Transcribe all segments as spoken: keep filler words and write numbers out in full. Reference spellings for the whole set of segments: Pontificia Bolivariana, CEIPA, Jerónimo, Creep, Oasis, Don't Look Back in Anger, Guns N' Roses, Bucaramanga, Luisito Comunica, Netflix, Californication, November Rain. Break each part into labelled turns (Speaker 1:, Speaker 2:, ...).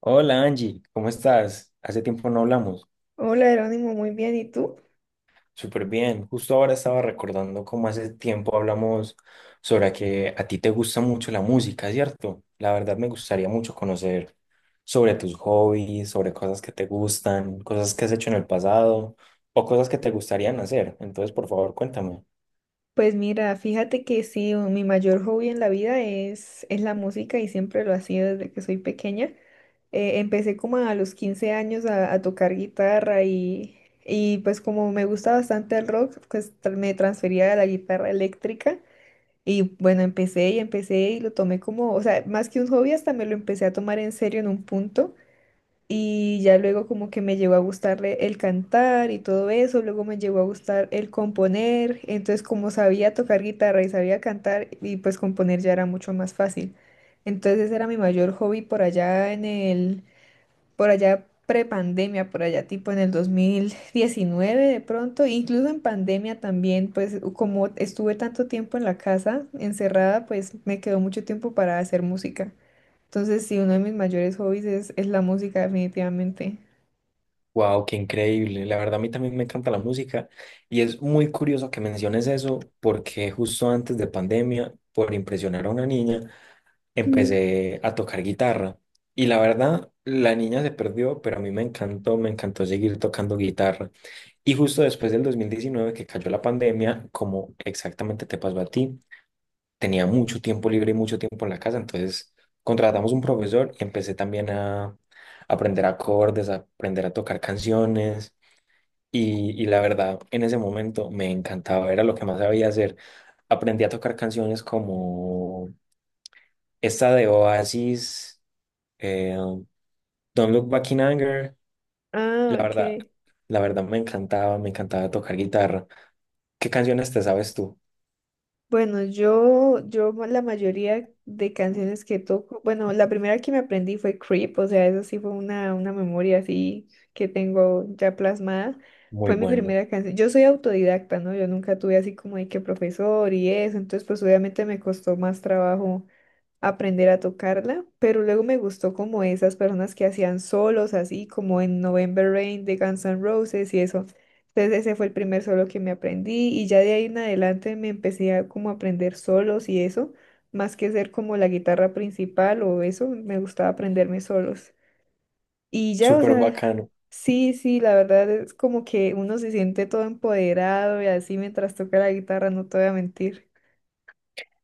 Speaker 1: Hola Angie, ¿cómo estás? Hace tiempo no hablamos.
Speaker 2: Hola Jerónimo, muy bien. ¿Y tú?
Speaker 1: Súper bien. Justo ahora estaba recordando cómo hace tiempo hablamos sobre que a ti te gusta mucho la música, ¿cierto? La verdad me gustaría mucho conocer sobre tus hobbies, sobre cosas que te gustan, cosas que has hecho en el pasado o cosas que te gustarían hacer. Entonces, por favor, cuéntame.
Speaker 2: Pues mira, fíjate que sí, mi mayor hobby en la vida es, es la música y siempre lo ha sido desde que soy pequeña. Eh, empecé como a los quince años a, a tocar guitarra y, y pues como me gusta bastante el rock, pues tra- me transferí a la guitarra eléctrica y bueno, empecé y empecé y lo tomé como, o sea, más que un hobby, hasta me lo empecé a tomar en serio en un punto. Y ya luego como que me llegó a gustarle el cantar y todo eso, luego me llegó a gustar el componer, entonces como sabía tocar guitarra y sabía cantar y pues componer ya era mucho más fácil. Entonces ese era mi mayor hobby por allá en el, por allá prepandemia, por allá tipo en el dos mil diecinueve de pronto, incluso en pandemia también, pues como estuve tanto tiempo en la casa encerrada, pues me quedó mucho tiempo para hacer música. Entonces, sí, uno de mis mayores hobbies es, es la música, definitivamente.
Speaker 1: Wow, qué increíble. La verdad, a mí también me encanta la música y es muy curioso que menciones eso porque justo antes de pandemia, por impresionar a una niña,
Speaker 2: Ujú.
Speaker 1: empecé a tocar guitarra. Y la verdad, la niña se perdió, pero a mí me encantó, me encantó seguir tocando guitarra. Y justo después del dos mil diecinueve que cayó la pandemia, como exactamente te pasó a ti, tenía mucho tiempo libre y mucho tiempo en la casa, entonces contratamos un profesor y empecé también a aprender acordes, a aprender a tocar canciones. Y, y la verdad, en ese momento me encantaba, era lo que más sabía hacer. Aprendí a tocar canciones como esta de Oasis. Eh, Don't Look Back in Anger,
Speaker 2: Ah,
Speaker 1: la verdad,
Speaker 2: ok.
Speaker 1: la verdad me encantaba, me encantaba tocar guitarra. ¿Qué canciones te sabes tú?
Speaker 2: Bueno, yo, yo ma- la mayoría de canciones que toco, bueno, la primera que me aprendí fue Creep, o sea, eso sí fue una, una memoria así que tengo ya plasmada.
Speaker 1: Muy
Speaker 2: Fue mi
Speaker 1: buena,
Speaker 2: primera canción. Yo soy autodidacta, ¿no? Yo nunca tuve así como de que profesor y eso, entonces pues obviamente me costó más trabajo aprender a tocarla, pero luego me gustó como esas personas que hacían solos así, como en November Rain de Guns N' Roses y eso. Entonces ese fue el primer solo que me aprendí y ya de ahí en adelante me empecé a como aprender solos y eso, más que ser como la guitarra principal o eso, me gustaba aprenderme solos. Y ya, o
Speaker 1: súper
Speaker 2: sea,
Speaker 1: bacano.
Speaker 2: sí, sí, la verdad es como que uno se siente todo empoderado y así mientras toca la guitarra, no te voy a mentir.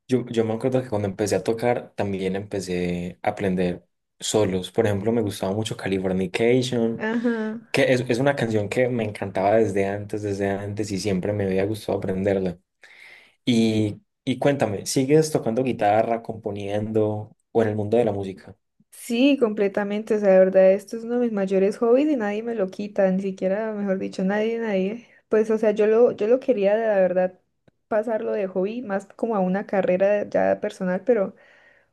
Speaker 1: Yo, yo me acuerdo que cuando empecé a tocar también empecé a aprender solos. Por ejemplo, me gustaba mucho Californication,
Speaker 2: Ajá.
Speaker 1: que es, es una canción que me encantaba desde antes, desde antes y siempre me había gustado aprenderla. Y, y cuéntame, ¿sigues tocando guitarra, componiendo o en el mundo de la música?
Speaker 2: Sí, completamente. O sea, de verdad, esto es uno de mis mayores hobbies y nadie me lo quita, ni siquiera, mejor dicho, nadie, nadie. Pues, o sea, yo lo, yo lo quería, la verdad, pasarlo de hobby más como a una carrera ya personal, pero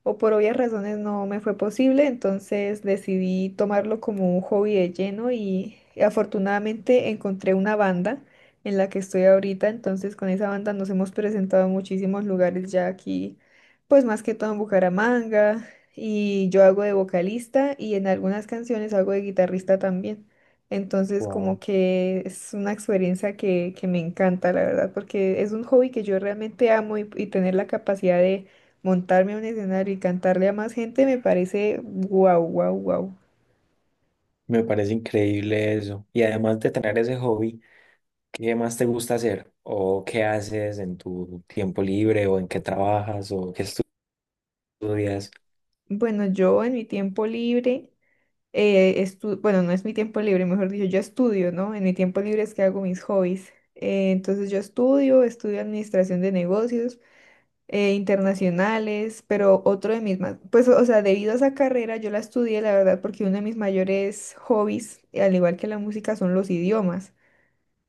Speaker 2: o por obvias razones no me fue posible, entonces decidí tomarlo como un hobby de lleno y afortunadamente encontré una banda en la que estoy ahorita, entonces con esa banda nos hemos presentado en muchísimos lugares ya aquí, pues más que todo en Bucaramanga y yo hago de vocalista y en algunas canciones hago de guitarrista también. Entonces
Speaker 1: Wow.
Speaker 2: como que es una experiencia que, que me encanta, la verdad, porque es un hobby que yo realmente amo y y tener la capacidad de montarme a un escenario y cantarle a más gente me parece guau, guau, guau.
Speaker 1: Me parece increíble eso. Y además de tener ese hobby, ¿qué más te gusta hacer? ¿O qué haces en tu tiempo libre? ¿O en qué trabajas? ¿O qué estudias?
Speaker 2: Bueno, yo en mi tiempo libre, eh, estu- bueno, no es mi tiempo libre, mejor dicho, yo estudio, ¿no? En mi tiempo libre es que hago mis hobbies. Eh, entonces yo estudio, estudio administración de negocios eh, internacionales, pero otro de mis más, pues, o sea, debido a esa carrera yo la estudié, la verdad, porque uno de mis mayores hobbies, al igual que la música, son los idiomas.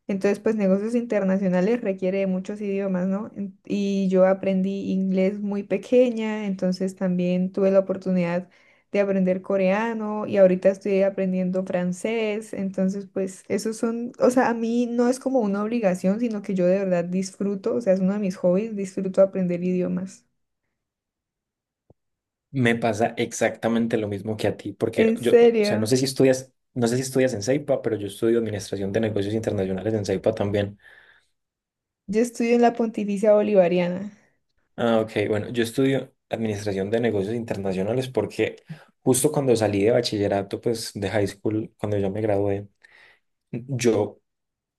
Speaker 2: Entonces, pues negocios internacionales requiere de muchos idiomas, ¿no? En- Y yo aprendí inglés muy pequeña, entonces también tuve la oportunidad de aprender coreano y ahorita estoy aprendiendo francés, entonces pues esos son, o sea, a mí no es como una obligación, sino que yo de verdad disfruto, o sea, es uno de mis hobbies, disfruto aprender idiomas.
Speaker 1: Me pasa exactamente lo mismo que a ti, porque
Speaker 2: ¿En
Speaker 1: yo, o sea, no
Speaker 2: serio?
Speaker 1: sé si estudias, no sé si estudias en CEIPA, pero yo estudio Administración de Negocios Internacionales en CEIPA también.
Speaker 2: Yo estudio en la Pontificia Bolivariana.
Speaker 1: Ah, ok, bueno, yo estudio Administración de Negocios Internacionales porque justo cuando salí de bachillerato, pues de high school, cuando yo me gradué, yo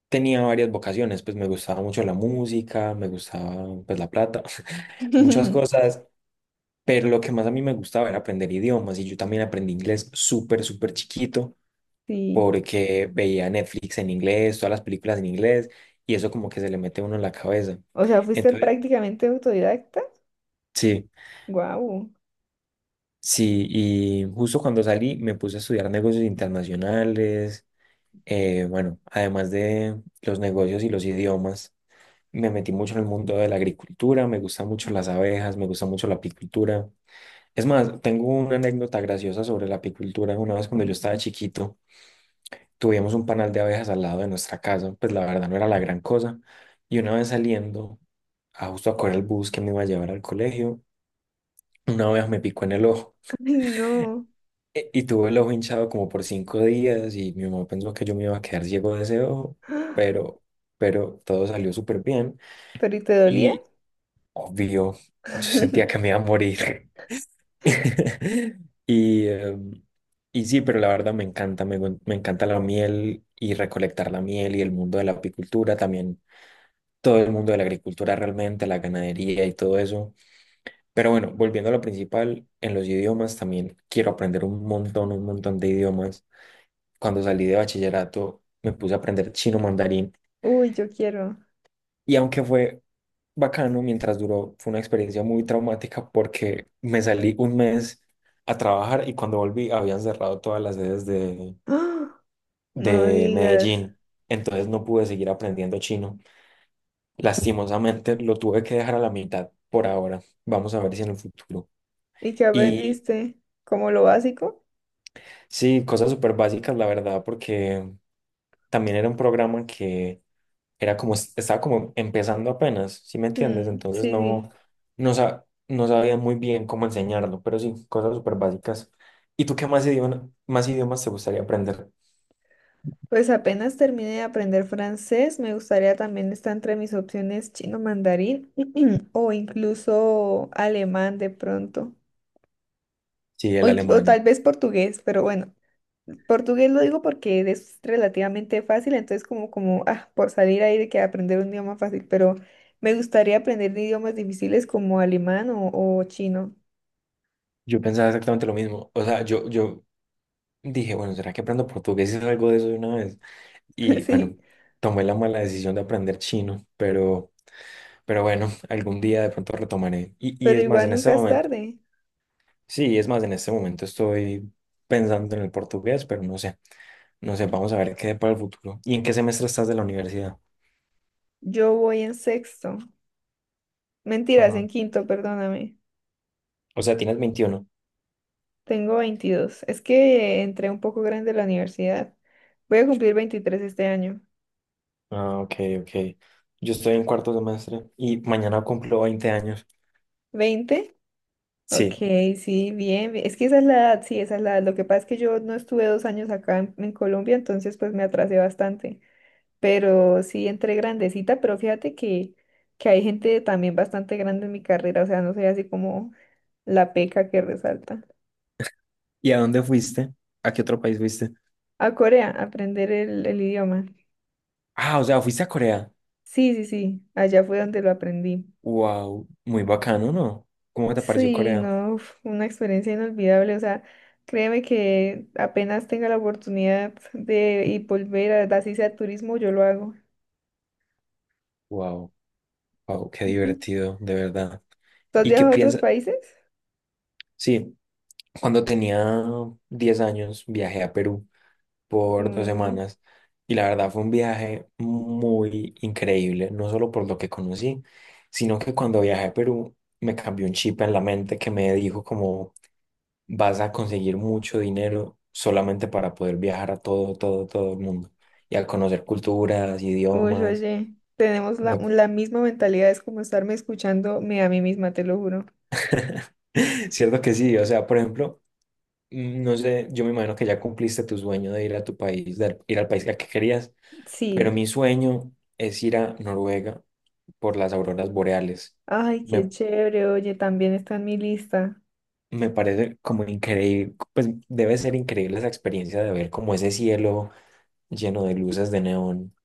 Speaker 1: tenía varias vocaciones, pues me gustaba mucho la música, me gustaba pues la plata, muchas cosas, pero lo que más a mí me gustaba era aprender idiomas y yo también aprendí inglés súper, súper chiquito
Speaker 2: Sí.
Speaker 1: porque veía Netflix en inglés, todas las películas en inglés y eso como que se le mete a uno en la cabeza.
Speaker 2: O sea, fuiste
Speaker 1: Entonces,
Speaker 2: prácticamente autodidacta.
Speaker 1: sí,
Speaker 2: Guau.
Speaker 1: sí, y justo cuando salí me puse a estudiar negocios internacionales, eh, bueno, además de los negocios y los idiomas. Me metí mucho en el mundo de la agricultura, me gustan mucho
Speaker 2: Mm.
Speaker 1: las abejas, me gusta mucho la apicultura. Es más, tengo una anécdota graciosa sobre la apicultura. Una vez cuando yo estaba chiquito, tuvimos un panal de abejas al lado de nuestra casa, pues la verdad no era la gran cosa. Y una vez saliendo, a justo a correr el bus que me iba a llevar al colegio, una abeja me picó en el ojo.
Speaker 2: Ay, no.
Speaker 1: E- Y tuve el ojo hinchado como por cinco días y mi mamá pensó que yo me iba a quedar ciego de ese ojo, pero, pero todo salió súper bien.
Speaker 2: ¿Pero y te dolía?
Speaker 1: Obvio, yo sentía que me iba a morir. Y, eh, y sí, pero la verdad me encanta, me, gu- me encanta la miel y recolectar la miel y el mundo de la apicultura también, todo el mundo de la agricultura realmente, la ganadería y todo eso. Pero bueno, volviendo a lo principal, en los idiomas también quiero aprender un montón, un montón de idiomas. Cuando salí de bachillerato me puse a aprender chino mandarín.
Speaker 2: Uy, yo quiero.
Speaker 1: Y aunque fue bacano, mientras duró, fue una experiencia muy traumática porque me salí un mes a trabajar y cuando volví habían cerrado todas las sedes de,
Speaker 2: ¡Ah! No
Speaker 1: de
Speaker 2: digas.
Speaker 1: Medellín. Entonces no pude seguir aprendiendo chino. Lastimosamente lo tuve que dejar a la mitad por ahora. Vamos a ver si en el futuro.
Speaker 2: ¿Y qué
Speaker 1: Y
Speaker 2: aprendiste? ¿Como lo básico?
Speaker 1: sí, cosas súper básicas, la verdad, porque también era un programa que era como, estaba como empezando apenas, ¿sí me entiendes?
Speaker 2: Mm,
Speaker 1: Entonces
Speaker 2: sí,
Speaker 1: no,
Speaker 2: sí.
Speaker 1: no, sa- no sabía muy bien cómo enseñarlo, pero sí, cosas súper básicas. ¿Y tú qué más idioma, más idiomas te gustaría aprender?
Speaker 2: Pues apenas termine de aprender francés, me gustaría también estar entre mis opciones chino mandarín o incluso alemán de pronto.
Speaker 1: Sí,
Speaker 2: O,
Speaker 1: el
Speaker 2: inclu- o tal
Speaker 1: alemán.
Speaker 2: vez portugués, pero bueno, portugués lo digo porque es relativamente fácil, entonces como, como, ah, por salir ahí de que aprender un idioma fácil, pero me gustaría aprender de idiomas difíciles como alemán o, o chino.
Speaker 1: Yo pensaba exactamente lo mismo. O sea, yo, yo dije, bueno, ¿será que aprendo portugués y algo de eso de una vez? Y bueno,
Speaker 2: Sí,
Speaker 1: tomé la mala decisión de aprender chino, pero, pero bueno, algún día de pronto retomaré. Y, y
Speaker 2: pero
Speaker 1: es más,
Speaker 2: igual
Speaker 1: en este
Speaker 2: nunca es
Speaker 1: momento,
Speaker 2: tarde.
Speaker 1: sí, es más, en este momento estoy pensando en el portugués, pero no sé. No sé, vamos a ver qué para el futuro. ¿Y en qué semestre estás de la universidad?
Speaker 2: Yo voy en sexto, mentiras, en
Speaker 1: Ajá.
Speaker 2: quinto, perdóname.
Speaker 1: O sea, tienes veintiuno.
Speaker 2: Tengo veintidós. Es que entré un poco grande a la universidad. Voy a cumplir veintitrés este año.
Speaker 1: Ah, ok, ok. Yo estoy en cuarto semestre y mañana cumplo veinte años.
Speaker 2: Veinte. Ok,
Speaker 1: Sí.
Speaker 2: sí, bien, bien. Es que esa es la edad, sí, esa es la edad. Lo que pasa es que yo no estuve dos años acá en, en Colombia, entonces pues me atrasé bastante. Pero sí, entré grandecita, pero fíjate que, que hay gente también bastante grande en mi carrera, o sea, no soy así como la peca que resalta.
Speaker 1: ¿Y a dónde fuiste? ¿A qué otro país fuiste?
Speaker 2: A Corea, aprender el, el idioma.
Speaker 1: Ah, o sea, fuiste a Corea.
Speaker 2: Sí, sí, sí, allá fue donde lo aprendí.
Speaker 1: Wow, muy bacano, ¿no? ¿Cómo te pareció
Speaker 2: Sí,
Speaker 1: Corea?
Speaker 2: no, uf, una experiencia inolvidable. O sea, créeme que apenas tenga la oportunidad de y volver a, así sea turismo, yo lo hago.
Speaker 1: Wow, wow, qué
Speaker 2: Ujú.
Speaker 1: divertido, de verdad.
Speaker 2: ¿Tú has
Speaker 1: ¿Y qué
Speaker 2: viajado a otros
Speaker 1: piensas?
Speaker 2: países?
Speaker 1: Sí, cuando tenía diez años viajé a Perú por dos
Speaker 2: Mm,
Speaker 1: semanas y la verdad fue un viaje muy increíble, no solo por lo que conocí, sino que cuando viajé a Perú me cambió un chip en la mente que me dijo como vas a conseguir mucho dinero solamente para poder viajar a todo, todo, todo el mundo y a conocer culturas,
Speaker 2: uy,
Speaker 1: idiomas.
Speaker 2: oye, tenemos la,
Speaker 1: No-
Speaker 2: la misma mentalidad, es como estarme escuchándome a mí misma, te lo juro.
Speaker 1: Cierto que sí, o sea, por ejemplo, mm, no sé, yo me imagino que ya cumpliste tu sueño de ir a tu país, de ir al país al que querías, pero
Speaker 2: Sí.
Speaker 1: mi sueño es ir a Noruega por las auroras boreales.
Speaker 2: Ay, qué
Speaker 1: Me,
Speaker 2: chévere, oye, también está en mi lista.
Speaker 1: me parece como increíble, pues debe ser increíble esa experiencia de ver como ese cielo lleno de luces de neón.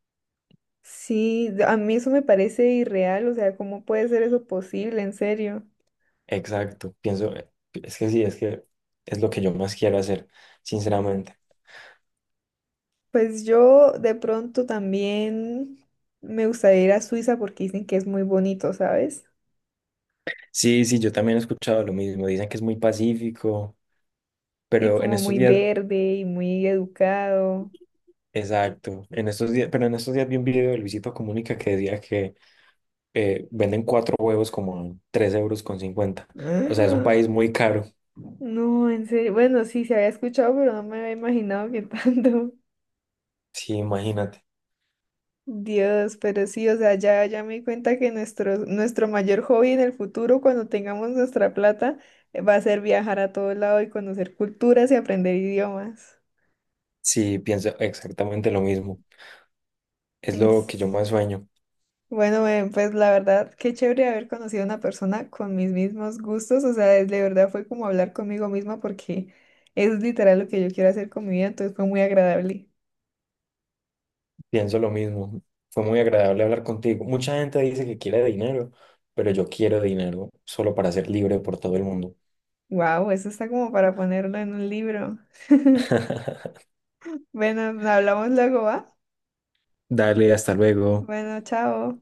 Speaker 2: Sí, de- a mí eso me parece irreal, o sea, ¿cómo puede ser eso posible, en serio?
Speaker 1: Exacto, pienso, eh, es que sí, es que es lo que yo más quiero hacer, sinceramente.
Speaker 2: Pues yo de pronto también me gustaría ir a Suiza porque dicen que es muy bonito, ¿sabes?
Speaker 1: Sí, sí, yo también he escuchado lo mismo, dicen que es muy pacífico,
Speaker 2: Y
Speaker 1: pero en
Speaker 2: como
Speaker 1: estos
Speaker 2: muy
Speaker 1: días,
Speaker 2: verde y muy educado.
Speaker 1: exacto, en estos días, pero en estos días vi un video de Luisito Comunica que decía que eh, venden cuatro huevos como a tres euros con cincuenta, o sea, es un
Speaker 2: ¡Ah!
Speaker 1: país muy caro.
Speaker 2: No, en serio. Bueno, sí, se había escuchado, pero no me había imaginado que tanto.
Speaker 1: Sí, imagínate.
Speaker 2: Dios, pero sí, o sea, ya, ya me di cuenta que nuestro, nuestro mayor hobby en el futuro, cuando tengamos nuestra plata, eh, va a ser viajar a todo lado y conocer culturas y aprender idiomas.
Speaker 1: Sí, pienso exactamente lo mismo. Es
Speaker 2: Mm,
Speaker 1: lo que yo más sueño.
Speaker 2: Bueno, eh, pues la verdad, qué chévere haber conocido a una persona con mis mismos gustos, o sea, es- de verdad fue como hablar conmigo misma porque es literal lo que yo quiero hacer con mi vida, entonces fue muy agradable.
Speaker 1: Pienso lo mismo. Fue muy agradable hablar contigo. Mucha gente dice que quiere dinero, pero yo quiero dinero solo para ser libre por todo el mundo.
Speaker 2: Wow, eso está como para ponerlo en un libro. Bueno, hablamos luego, ¿va?
Speaker 1: Dale, hasta luego.
Speaker 2: Bueno, chao.